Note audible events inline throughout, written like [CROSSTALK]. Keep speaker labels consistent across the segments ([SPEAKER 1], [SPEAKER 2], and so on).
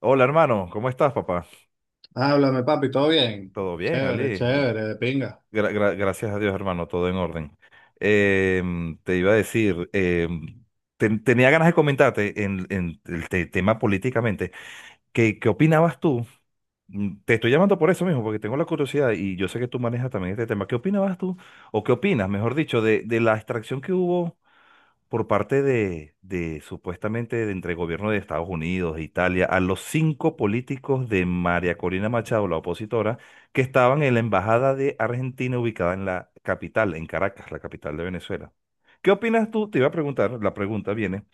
[SPEAKER 1] Hola hermano, ¿cómo estás papá?
[SPEAKER 2] Háblame, papi, ¿todo bien?
[SPEAKER 1] ¿Todo bien,
[SPEAKER 2] Chévere,
[SPEAKER 1] Ali?
[SPEAKER 2] chévere, de pinga.
[SPEAKER 1] Gracias a Dios hermano, todo en orden. Te iba a decir, tenía ganas de comentarte en el tema políticamente, ¿qué opinabas tú? Te estoy llamando por eso mismo, porque tengo la curiosidad y yo sé que tú manejas también este tema. ¿Qué opinabas tú? ¿O qué opinas, mejor dicho, de la extracción que hubo? Por parte de supuestamente de entre el gobierno de Estados Unidos e Italia a los cinco políticos de María Corina Machado, la opositora, que estaban en la embajada de Argentina ubicada en la capital, en Caracas, la capital de Venezuela. ¿Qué opinas tú? Te iba a preguntar, la pregunta viene,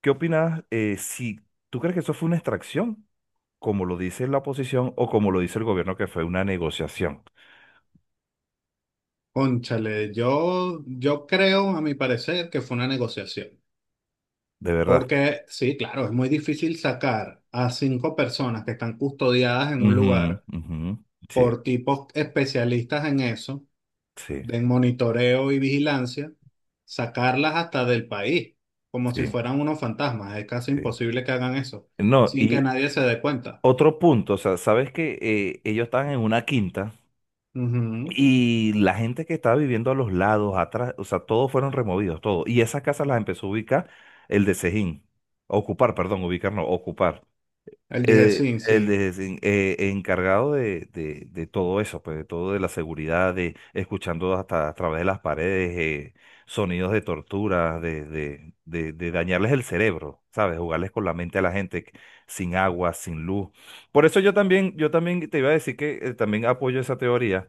[SPEAKER 1] ¿qué opinas si tú crees que eso fue una extracción, como lo dice la oposición o como lo dice el gobierno que fue una negociación?
[SPEAKER 2] Cónchale, yo creo, a mi parecer, que fue una negociación.
[SPEAKER 1] De verdad.
[SPEAKER 2] Porque sí, claro, es muy difícil sacar a cinco personas que están custodiadas en un
[SPEAKER 1] Ujú,
[SPEAKER 2] lugar
[SPEAKER 1] ujú. Sí,
[SPEAKER 2] por tipos especialistas en eso,
[SPEAKER 1] sí,
[SPEAKER 2] de monitoreo y vigilancia, sacarlas hasta del país, como si
[SPEAKER 1] sí,
[SPEAKER 2] fueran unos fantasmas. Es casi
[SPEAKER 1] sí.
[SPEAKER 2] imposible que hagan eso,
[SPEAKER 1] No,
[SPEAKER 2] sin que
[SPEAKER 1] y
[SPEAKER 2] nadie se dé cuenta.
[SPEAKER 1] otro punto, o sea, sabes que ellos estaban en una quinta
[SPEAKER 2] Ujú.
[SPEAKER 1] y la gente que estaba viviendo a los lados, atrás, o sea, todos fueron removidos, todos. Y esas casas las empezó a ubicar el de Sejín, ocupar, perdón, ubicar no, ocupar
[SPEAKER 2] El dije
[SPEAKER 1] eh,
[SPEAKER 2] sí. Sí.
[SPEAKER 1] el desen- eh, encargado de todo eso, pues de todo de la seguridad, de escuchando hasta a través de las paredes sonidos de tortura, de dañarles el cerebro, ¿sabes? Jugarles con la mente a la gente que sin agua, sin luz. Por eso yo también te iba a decir que también apoyo esa teoría,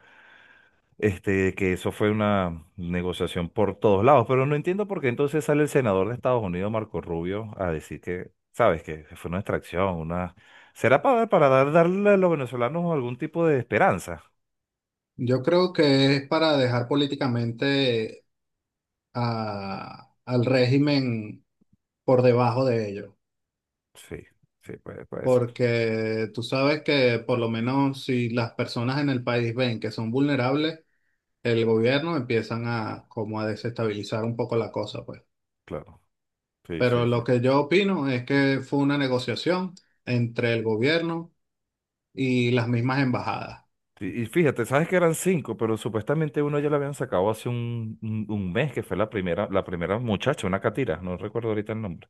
[SPEAKER 1] que eso fue una negociación por todos lados, pero no entiendo por qué entonces sale el senador de Estados Unidos, Marco Rubio, a decir que, sabes, que fue una extracción, una... ¿Será para darle a los venezolanos algún tipo de esperanza?
[SPEAKER 2] Yo creo que es para dejar políticamente al régimen por debajo de ellos,
[SPEAKER 1] Sí, sí, puede ser,
[SPEAKER 2] porque tú sabes que por lo menos si las personas en el país ven que son vulnerables, el gobierno empiezan a como a desestabilizar un poco la cosa, pues.
[SPEAKER 1] claro. Sí,
[SPEAKER 2] Pero
[SPEAKER 1] sí, sí.
[SPEAKER 2] lo que yo opino es que fue una negociación entre el gobierno y las mismas embajadas.
[SPEAKER 1] Y fíjate, sabes que eran cinco, pero supuestamente uno ya lo habían sacado hace un mes, que fue la primera muchacha, una catira, no recuerdo ahorita el nombre.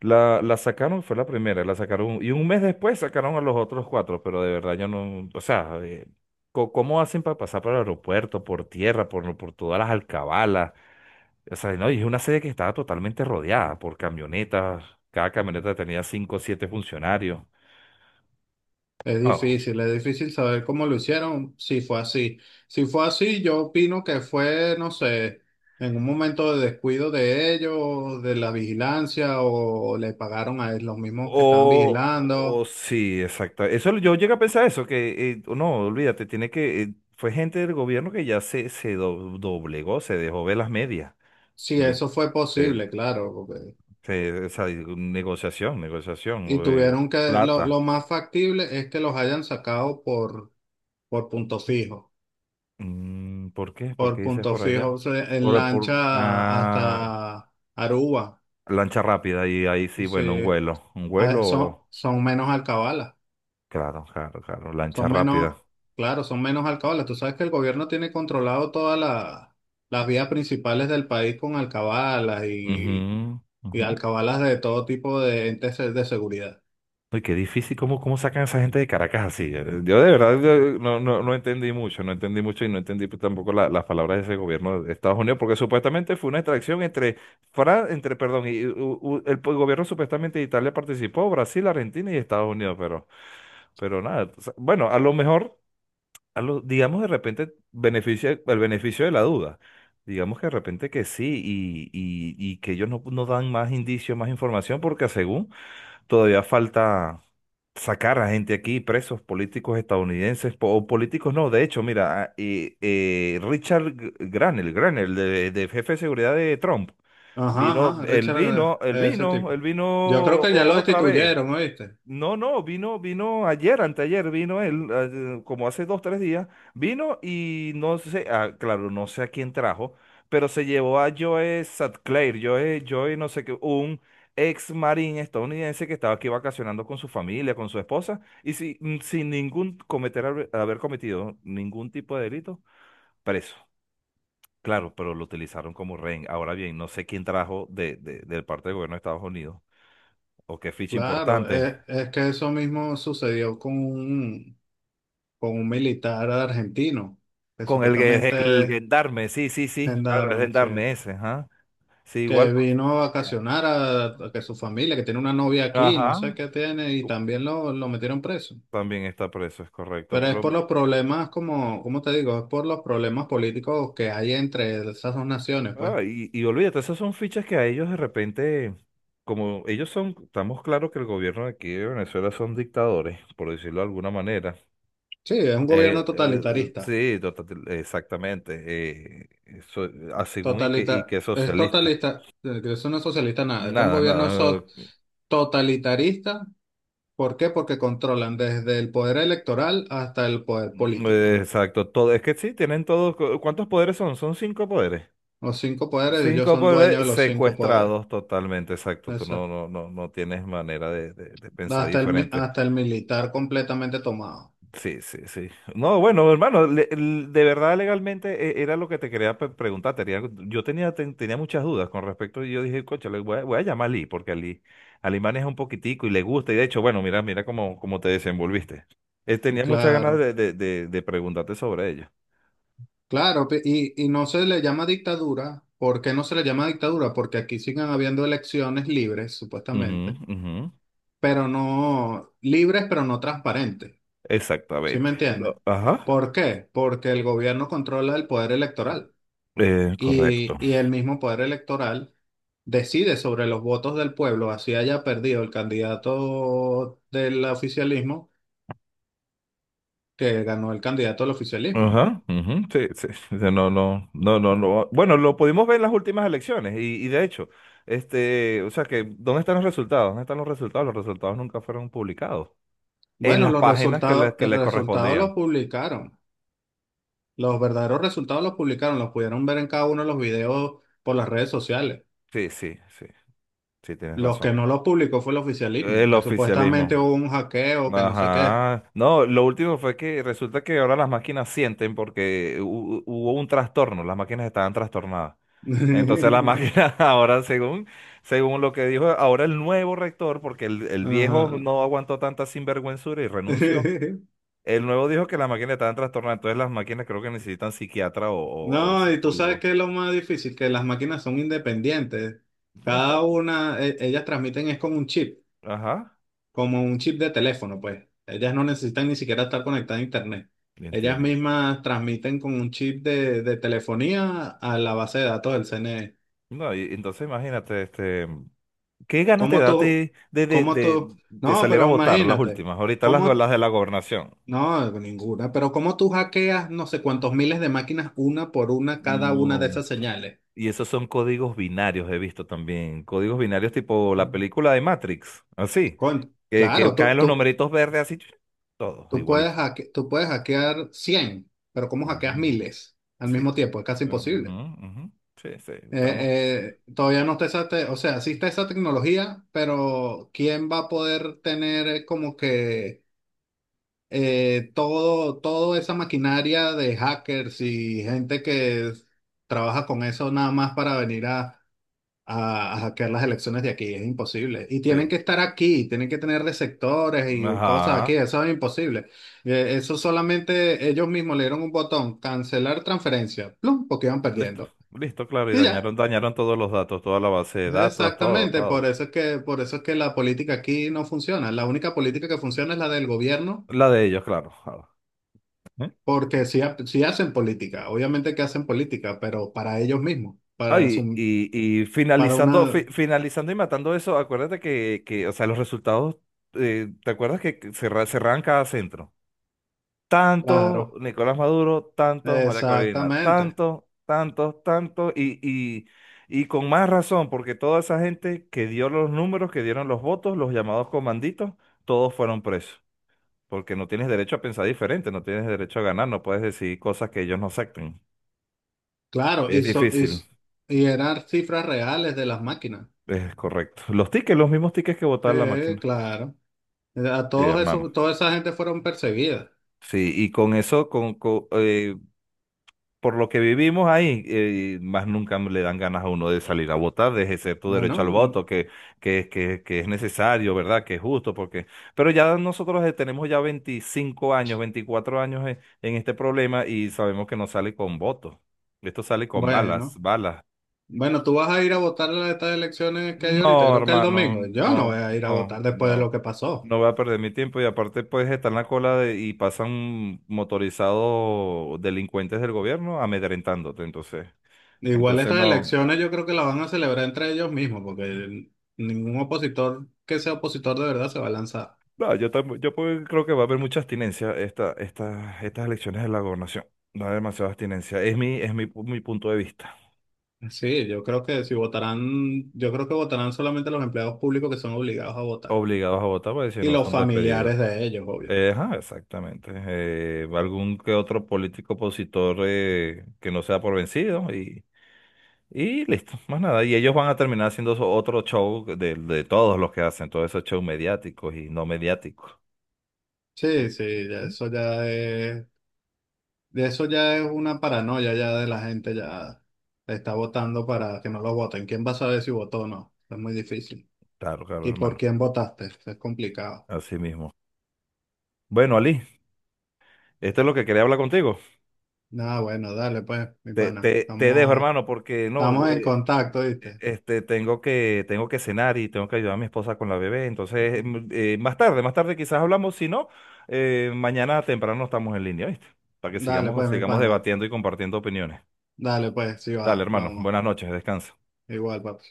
[SPEAKER 1] La sacaron, fue la primera, la sacaron y un mes después sacaron a los otros cuatro, pero de verdad yo no, o sea, ¿cómo hacen para pasar por el aeropuerto, por tierra, por todas las alcabalas? O sea, no, y es una sede que estaba totalmente rodeada por camionetas, cada camioneta tenía cinco o siete funcionarios. Ah,
[SPEAKER 2] Es difícil saber cómo lo hicieron, si fue así. Si fue así, yo opino que fue, no sé, en un momento de descuido de ellos, de la vigilancia, o le pagaron a los mismos que estaban
[SPEAKER 1] o
[SPEAKER 2] vigilando.
[SPEAKER 1] sí, exacto. Eso yo llegué a pensar eso, que no, olvídate, tiene que, fue gente del gobierno que ya se doblegó, se dejó ver las medias.
[SPEAKER 2] Si
[SPEAKER 1] Li-
[SPEAKER 2] eso fue posible, claro.
[SPEAKER 1] Sí, esa negociación,
[SPEAKER 2] Y
[SPEAKER 1] o,
[SPEAKER 2] tuvieron que, lo,
[SPEAKER 1] plata.
[SPEAKER 2] lo más factible es que los hayan sacado por punto fijo,
[SPEAKER 1] ¿Por qué? ¿Por
[SPEAKER 2] por
[SPEAKER 1] qué dices
[SPEAKER 2] punto
[SPEAKER 1] por
[SPEAKER 2] fijo,
[SPEAKER 1] allá?
[SPEAKER 2] o sea, en
[SPEAKER 1] Por, por
[SPEAKER 2] lancha
[SPEAKER 1] ah,
[SPEAKER 2] hasta Aruba.
[SPEAKER 1] lancha rápida, y ahí sí, bueno, un
[SPEAKER 2] Sí,
[SPEAKER 1] vuelo. Un
[SPEAKER 2] ah, son,
[SPEAKER 1] vuelo,
[SPEAKER 2] son menos alcabalas.
[SPEAKER 1] claro, claro, claro, lancha
[SPEAKER 2] Son
[SPEAKER 1] rápida.
[SPEAKER 2] menos, claro, son menos alcabalas. Tú sabes que el gobierno tiene controlado todas las vías principales del país con alcabalas
[SPEAKER 1] Ujú,
[SPEAKER 2] y
[SPEAKER 1] ujú.
[SPEAKER 2] alcabalas de todo tipo de entes de seguridad.
[SPEAKER 1] Uy, qué difícil, ¿cómo sacan a esa gente de Caracas así? Yo de verdad yo no entendí mucho, no entendí mucho y no entendí pues, tampoco las palabras de ese gobierno de Estados Unidos, porque supuestamente fue una extracción entre, entre, perdón, y, el gobierno supuestamente de Italia participó, Brasil, Argentina y Estados Unidos, pero nada, o sea, bueno, a lo mejor, digamos de repente, beneficia, el beneficio de la duda. Digamos que de repente que sí y que ellos no dan más indicios, más información, porque según todavía falta sacar a gente aquí, presos políticos estadounidenses, o políticos no, de hecho, mira, Richard Granel, de jefe de seguridad de Trump,
[SPEAKER 2] Ajá,
[SPEAKER 1] vino,
[SPEAKER 2] ajá,
[SPEAKER 1] él
[SPEAKER 2] Richard,
[SPEAKER 1] vino, él
[SPEAKER 2] ese
[SPEAKER 1] vino,
[SPEAKER 2] tipo.
[SPEAKER 1] él vino
[SPEAKER 2] Yo creo que ya
[SPEAKER 1] o-
[SPEAKER 2] lo
[SPEAKER 1] otra vez.
[SPEAKER 2] destituyeron, ¿oíste?
[SPEAKER 1] No, no, vino ayer, anteayer, vino él, como hace 2, 3 días, vino y no sé, ah, claro, no sé a quién trajo, pero se llevó a Joe Sutcliffe, Joe no sé qué, un ex marín estadounidense que estaba aquí vacacionando con su familia, con su esposa, y sin ningún cometer, haber cometido ningún tipo de delito, preso. Claro, pero lo utilizaron como rehén. Ahora bien, no sé quién trajo del parte del gobierno de Estados Unidos, o qué ficha
[SPEAKER 2] Claro,
[SPEAKER 1] importante.
[SPEAKER 2] es, que eso mismo sucedió con un militar argentino, que
[SPEAKER 1] Con el, el
[SPEAKER 2] supuestamente es
[SPEAKER 1] gendarme, sí, sí, sí, claro, el
[SPEAKER 2] gendarme, sí.
[SPEAKER 1] gendarme ese, ajá. Sí, igual
[SPEAKER 2] Que
[SPEAKER 1] con su
[SPEAKER 2] vino a
[SPEAKER 1] policía.
[SPEAKER 2] vacacionar a que su familia, que tiene una novia aquí, no
[SPEAKER 1] Ajá.
[SPEAKER 2] sé qué tiene, y también lo metieron preso.
[SPEAKER 1] También está preso, es correcto,
[SPEAKER 2] Pero es
[SPEAKER 1] pero...
[SPEAKER 2] por los problemas, como, ¿cómo te digo? Es por los problemas políticos que hay entre esas dos naciones, pues.
[SPEAKER 1] Ah, y olvídate, esas son fichas que a ellos de repente, como ellos son, estamos claros que el gobierno de aquí de Venezuela son dictadores, por decirlo de alguna manera.
[SPEAKER 2] Sí, es un gobierno totalitarista.
[SPEAKER 1] Sí, exactamente. Eso, según y
[SPEAKER 2] Totalita,
[SPEAKER 1] que
[SPEAKER 2] es
[SPEAKER 1] socialista.
[SPEAKER 2] totalista, que eso no es socialista nada. Este es un
[SPEAKER 1] Nada,
[SPEAKER 2] gobierno
[SPEAKER 1] nada.
[SPEAKER 2] totalitarista. ¿Por qué? Porque controlan desde el poder electoral hasta el poder
[SPEAKER 1] Mm,
[SPEAKER 2] político.
[SPEAKER 1] Exacto, todo. Es que sí, tienen todos. ¿Cuántos poderes son? Son cinco poderes.
[SPEAKER 2] Los cinco poderes, ellos
[SPEAKER 1] Cinco
[SPEAKER 2] son dueños de
[SPEAKER 1] poderes
[SPEAKER 2] los cinco poderes.
[SPEAKER 1] secuestrados totalmente, exacto. Tú
[SPEAKER 2] Eso.
[SPEAKER 1] no tienes manera de
[SPEAKER 2] No,
[SPEAKER 1] pensar
[SPEAKER 2] hasta el,
[SPEAKER 1] diferente.
[SPEAKER 2] hasta el militar completamente tomado.
[SPEAKER 1] Sí, sí, sí. No, bueno, hermano, de verdad legalmente era lo que te quería preguntar. Yo tenía muchas dudas con respecto y yo dije, coche, le voy a, llamar a Lee, porque a Lee maneja un poquitico y le gusta. Y de hecho, bueno, mira, mira cómo te desenvolviste. Tenía muchas ganas
[SPEAKER 2] Claro,
[SPEAKER 1] de preguntarte sobre ello.
[SPEAKER 2] claro, y no se le llama dictadura. ¿Por qué no se le llama dictadura? Porque aquí siguen habiendo elecciones libres,
[SPEAKER 1] Ujú,
[SPEAKER 2] supuestamente,
[SPEAKER 1] ujú.
[SPEAKER 2] pero no libres, pero no transparentes. ¿Sí me
[SPEAKER 1] Exactamente.
[SPEAKER 2] entiendes?
[SPEAKER 1] No, ajá.
[SPEAKER 2] ¿Por qué? Porque el gobierno controla el poder electoral
[SPEAKER 1] Correcto.
[SPEAKER 2] y el mismo poder electoral decide sobre los votos del pueblo, así haya perdido el candidato del oficialismo que ganó el candidato al oficialismo, pues.
[SPEAKER 1] Ajá. Ujú, sí, sí. O sea, no, no, no, no, no. Bueno, lo pudimos ver en las últimas elecciones y de hecho, o sea que, ¿dónde están los resultados? ¿Dónde están los resultados? Los resultados nunca fueron publicados. En
[SPEAKER 2] Bueno,
[SPEAKER 1] las
[SPEAKER 2] los
[SPEAKER 1] páginas que le,
[SPEAKER 2] resultados,
[SPEAKER 1] que
[SPEAKER 2] el
[SPEAKER 1] le
[SPEAKER 2] resultado
[SPEAKER 1] correspondían.
[SPEAKER 2] lo publicaron. Los verdaderos resultados los publicaron, los pudieron ver en cada uno de los videos por las redes sociales.
[SPEAKER 1] Sí, sí, sí. Sí, tienes
[SPEAKER 2] Los que
[SPEAKER 1] razón.
[SPEAKER 2] no los publicó fue el oficialismo,
[SPEAKER 1] El
[SPEAKER 2] que supuestamente
[SPEAKER 1] oficialismo.
[SPEAKER 2] hubo un hackeo, que no sé qué.
[SPEAKER 1] Ajá. No, lo último fue que resulta que ahora las máquinas sienten porque hubo un trastorno, las máquinas estaban trastornadas. Entonces la
[SPEAKER 2] [LAUGHS]
[SPEAKER 1] máquina [LAUGHS] ahora, según, según lo que dijo ahora el nuevo rector, porque el viejo
[SPEAKER 2] Ajá.
[SPEAKER 1] no aguantó tanta sinvergüenzura y renunció,
[SPEAKER 2] [LAUGHS]
[SPEAKER 1] el nuevo dijo que la máquina estaba en trastorno, entonces las máquinas creo que necesitan psiquiatra o
[SPEAKER 2] No, y tú sabes
[SPEAKER 1] psicólogo.
[SPEAKER 2] que es lo más difícil, que las máquinas son independientes.
[SPEAKER 1] No está.
[SPEAKER 2] Cada una, ellas transmiten es con un chip,
[SPEAKER 1] Ajá,
[SPEAKER 2] como un chip de teléfono, pues. Ellas no necesitan ni siquiera estar conectadas a internet.
[SPEAKER 1] le
[SPEAKER 2] Ellas
[SPEAKER 1] entiendo.
[SPEAKER 2] mismas transmiten con un chip de telefonía a la base de datos del CNE.
[SPEAKER 1] No, y entonces imagínate, ¿qué ganas te
[SPEAKER 2] ¿Cómo
[SPEAKER 1] da a
[SPEAKER 2] tú?
[SPEAKER 1] ti de, de,
[SPEAKER 2] ¿Cómo
[SPEAKER 1] de,
[SPEAKER 2] tú?
[SPEAKER 1] de
[SPEAKER 2] No,
[SPEAKER 1] salir a
[SPEAKER 2] pero
[SPEAKER 1] votar las
[SPEAKER 2] imagínate.
[SPEAKER 1] últimas? Ahorita las,
[SPEAKER 2] ¿Cómo?
[SPEAKER 1] las de la gobernación.
[SPEAKER 2] No, ninguna. Pero ¿cómo tú hackeas no sé cuántos miles de máquinas una por una cada una de
[SPEAKER 1] No.
[SPEAKER 2] esas señales?
[SPEAKER 1] Y esos son códigos binarios, he visto también. Códigos binarios tipo la película de Matrix, así. Que
[SPEAKER 2] Claro, tú,
[SPEAKER 1] caen los
[SPEAKER 2] tú,
[SPEAKER 1] numeritos verdes así, todos
[SPEAKER 2] tú puedes
[SPEAKER 1] igualito.
[SPEAKER 2] hacke- tú puedes hackear 100, pero ¿cómo hackeas
[SPEAKER 1] Ujú,
[SPEAKER 2] miles al
[SPEAKER 1] sí.
[SPEAKER 2] mismo tiempo? Es casi
[SPEAKER 1] Ujú,
[SPEAKER 2] imposible.
[SPEAKER 1] ujú. Sí, sí, estamos.
[SPEAKER 2] Eh, todavía no está esa, o sea, existe esa tecnología, pero ¿quién va a poder tener como que todo, toda esa maquinaria de hackers y gente que trabaja con eso nada más para venir a hackear las elecciones de aquí? Es imposible. Y tienen
[SPEAKER 1] Sí.
[SPEAKER 2] que estar aquí, tienen que tener receptores y cosas aquí,
[SPEAKER 1] Ajá.
[SPEAKER 2] eso es imposible. Eso solamente ellos mismos le dieron un botón, cancelar transferencia, plum, porque iban
[SPEAKER 1] Listo,
[SPEAKER 2] perdiendo.
[SPEAKER 1] listo, claro. Y
[SPEAKER 2] Y ya.
[SPEAKER 1] dañaron, dañaron todos los datos, toda la base de datos, todo,
[SPEAKER 2] Exactamente, por
[SPEAKER 1] todo.
[SPEAKER 2] eso es que, por eso es que la política aquí no funciona. La única política que funciona es la del gobierno,
[SPEAKER 1] La de ellos, claro. Claro. ¿Eh?
[SPEAKER 2] porque sí, sí hacen política, obviamente que hacen política, pero para ellos mismos, para
[SPEAKER 1] Ay,
[SPEAKER 2] su,
[SPEAKER 1] y
[SPEAKER 2] para
[SPEAKER 1] finalizando,
[SPEAKER 2] una,
[SPEAKER 1] finalizando y matando eso, acuérdate que o sea, los resultados, ¿te acuerdas que cerraban cada centro? Tanto
[SPEAKER 2] claro,
[SPEAKER 1] Nicolás Maduro, tanto María Corina,
[SPEAKER 2] exactamente,
[SPEAKER 1] tanto, tanto, tanto, y con más razón, porque toda esa gente que dio los números, que dieron los votos, los llamados comanditos, todos fueron presos, porque no tienes derecho a pensar diferente, no tienes derecho a ganar, no puedes decir cosas que ellos no acepten.
[SPEAKER 2] claro,
[SPEAKER 1] Es
[SPEAKER 2] y, so- y,
[SPEAKER 1] difícil.
[SPEAKER 2] s- y eran cifras reales de las máquinas.
[SPEAKER 1] Es correcto. Los tickets, los mismos tickets que votaba la
[SPEAKER 2] Sí,
[SPEAKER 1] máquina.
[SPEAKER 2] claro. A
[SPEAKER 1] Sí,
[SPEAKER 2] todos
[SPEAKER 1] hermano.
[SPEAKER 2] esos, toda esa gente fueron perseguidas.
[SPEAKER 1] Sí, y con eso, por lo que vivimos ahí, más nunca le dan ganas a uno de salir a votar, de ejercer tu
[SPEAKER 2] Bueno,
[SPEAKER 1] derecho al voto, que es necesario, ¿verdad? Que es justo, porque... Pero ya nosotros tenemos ya 25 años, 24 años en este problema y sabemos que no sale con votos. Esto sale con balas,
[SPEAKER 2] bueno.
[SPEAKER 1] balas.
[SPEAKER 2] Bueno. tú vas a ir a votar a estas elecciones que hay ahorita,
[SPEAKER 1] No,
[SPEAKER 2] creo que el
[SPEAKER 1] hermano,
[SPEAKER 2] domingo. Yo no
[SPEAKER 1] no,
[SPEAKER 2] voy a ir a
[SPEAKER 1] no,
[SPEAKER 2] votar después de
[SPEAKER 1] no.
[SPEAKER 2] lo que pasó.
[SPEAKER 1] No voy a perder mi tiempo y aparte puedes estar en la cola de- y pasan motorizados delincuentes del gobierno amedrentándote, entonces.
[SPEAKER 2] Igual
[SPEAKER 1] Entonces
[SPEAKER 2] estas
[SPEAKER 1] no,
[SPEAKER 2] elecciones yo creo que las van a celebrar entre ellos mismos, porque ningún opositor que sea opositor de verdad se va a lanzar.
[SPEAKER 1] no, yo tam- yo puedo- creo que va a haber mucha abstinencia estas elecciones de la gobernación. Va a haber demasiada abstinencia. Mi punto de vista.
[SPEAKER 2] Sí, yo creo que si votarán, yo creo que votarán solamente los empleados públicos que son obligados a votar
[SPEAKER 1] Obligados a votar porque si
[SPEAKER 2] y
[SPEAKER 1] no
[SPEAKER 2] los
[SPEAKER 1] son despedidos.
[SPEAKER 2] familiares de ellos, obvio.
[SPEAKER 1] Ajá, exactamente. Algún que otro político opositor que no sea por vencido. Y listo, más nada. Y ellos van a terminar haciendo otro show de todos los que hacen, todos esos shows mediáticos y no mediáticos.
[SPEAKER 2] Sí, sí, ya
[SPEAKER 1] ¿Mm?
[SPEAKER 2] eso ya es. De eso ya es una paranoia ya de la gente, ya está votando para que no lo voten. ¿Quién va a saber si votó o no? Es muy difícil.
[SPEAKER 1] Claro, claro,
[SPEAKER 2] ¿Y por
[SPEAKER 1] hermano.
[SPEAKER 2] quién votaste? Es complicado.
[SPEAKER 1] Así mismo. Bueno, Ali, esto es lo que quería hablar contigo.
[SPEAKER 2] Nada, bueno, dale pues, mi
[SPEAKER 1] Te,
[SPEAKER 2] pana.
[SPEAKER 1] te, te dejo,
[SPEAKER 2] Estamos,
[SPEAKER 1] hermano, porque no,
[SPEAKER 2] estamos en contacto, ¿viste?
[SPEAKER 1] tengo que, cenar y tengo que ayudar a mi esposa con la bebé. Entonces, más tarde quizás hablamos. Si no, mañana temprano estamos en línea, ¿viste? Para que
[SPEAKER 2] Dale
[SPEAKER 1] sigamos,
[SPEAKER 2] pues, mi
[SPEAKER 1] sigamos
[SPEAKER 2] pana.
[SPEAKER 1] debatiendo y compartiendo opiniones.
[SPEAKER 2] Dale pues, si
[SPEAKER 1] Dale,
[SPEAKER 2] va,
[SPEAKER 1] hermano.
[SPEAKER 2] plomo.
[SPEAKER 1] Buenas noches, descansa.
[SPEAKER 2] Igual, papá.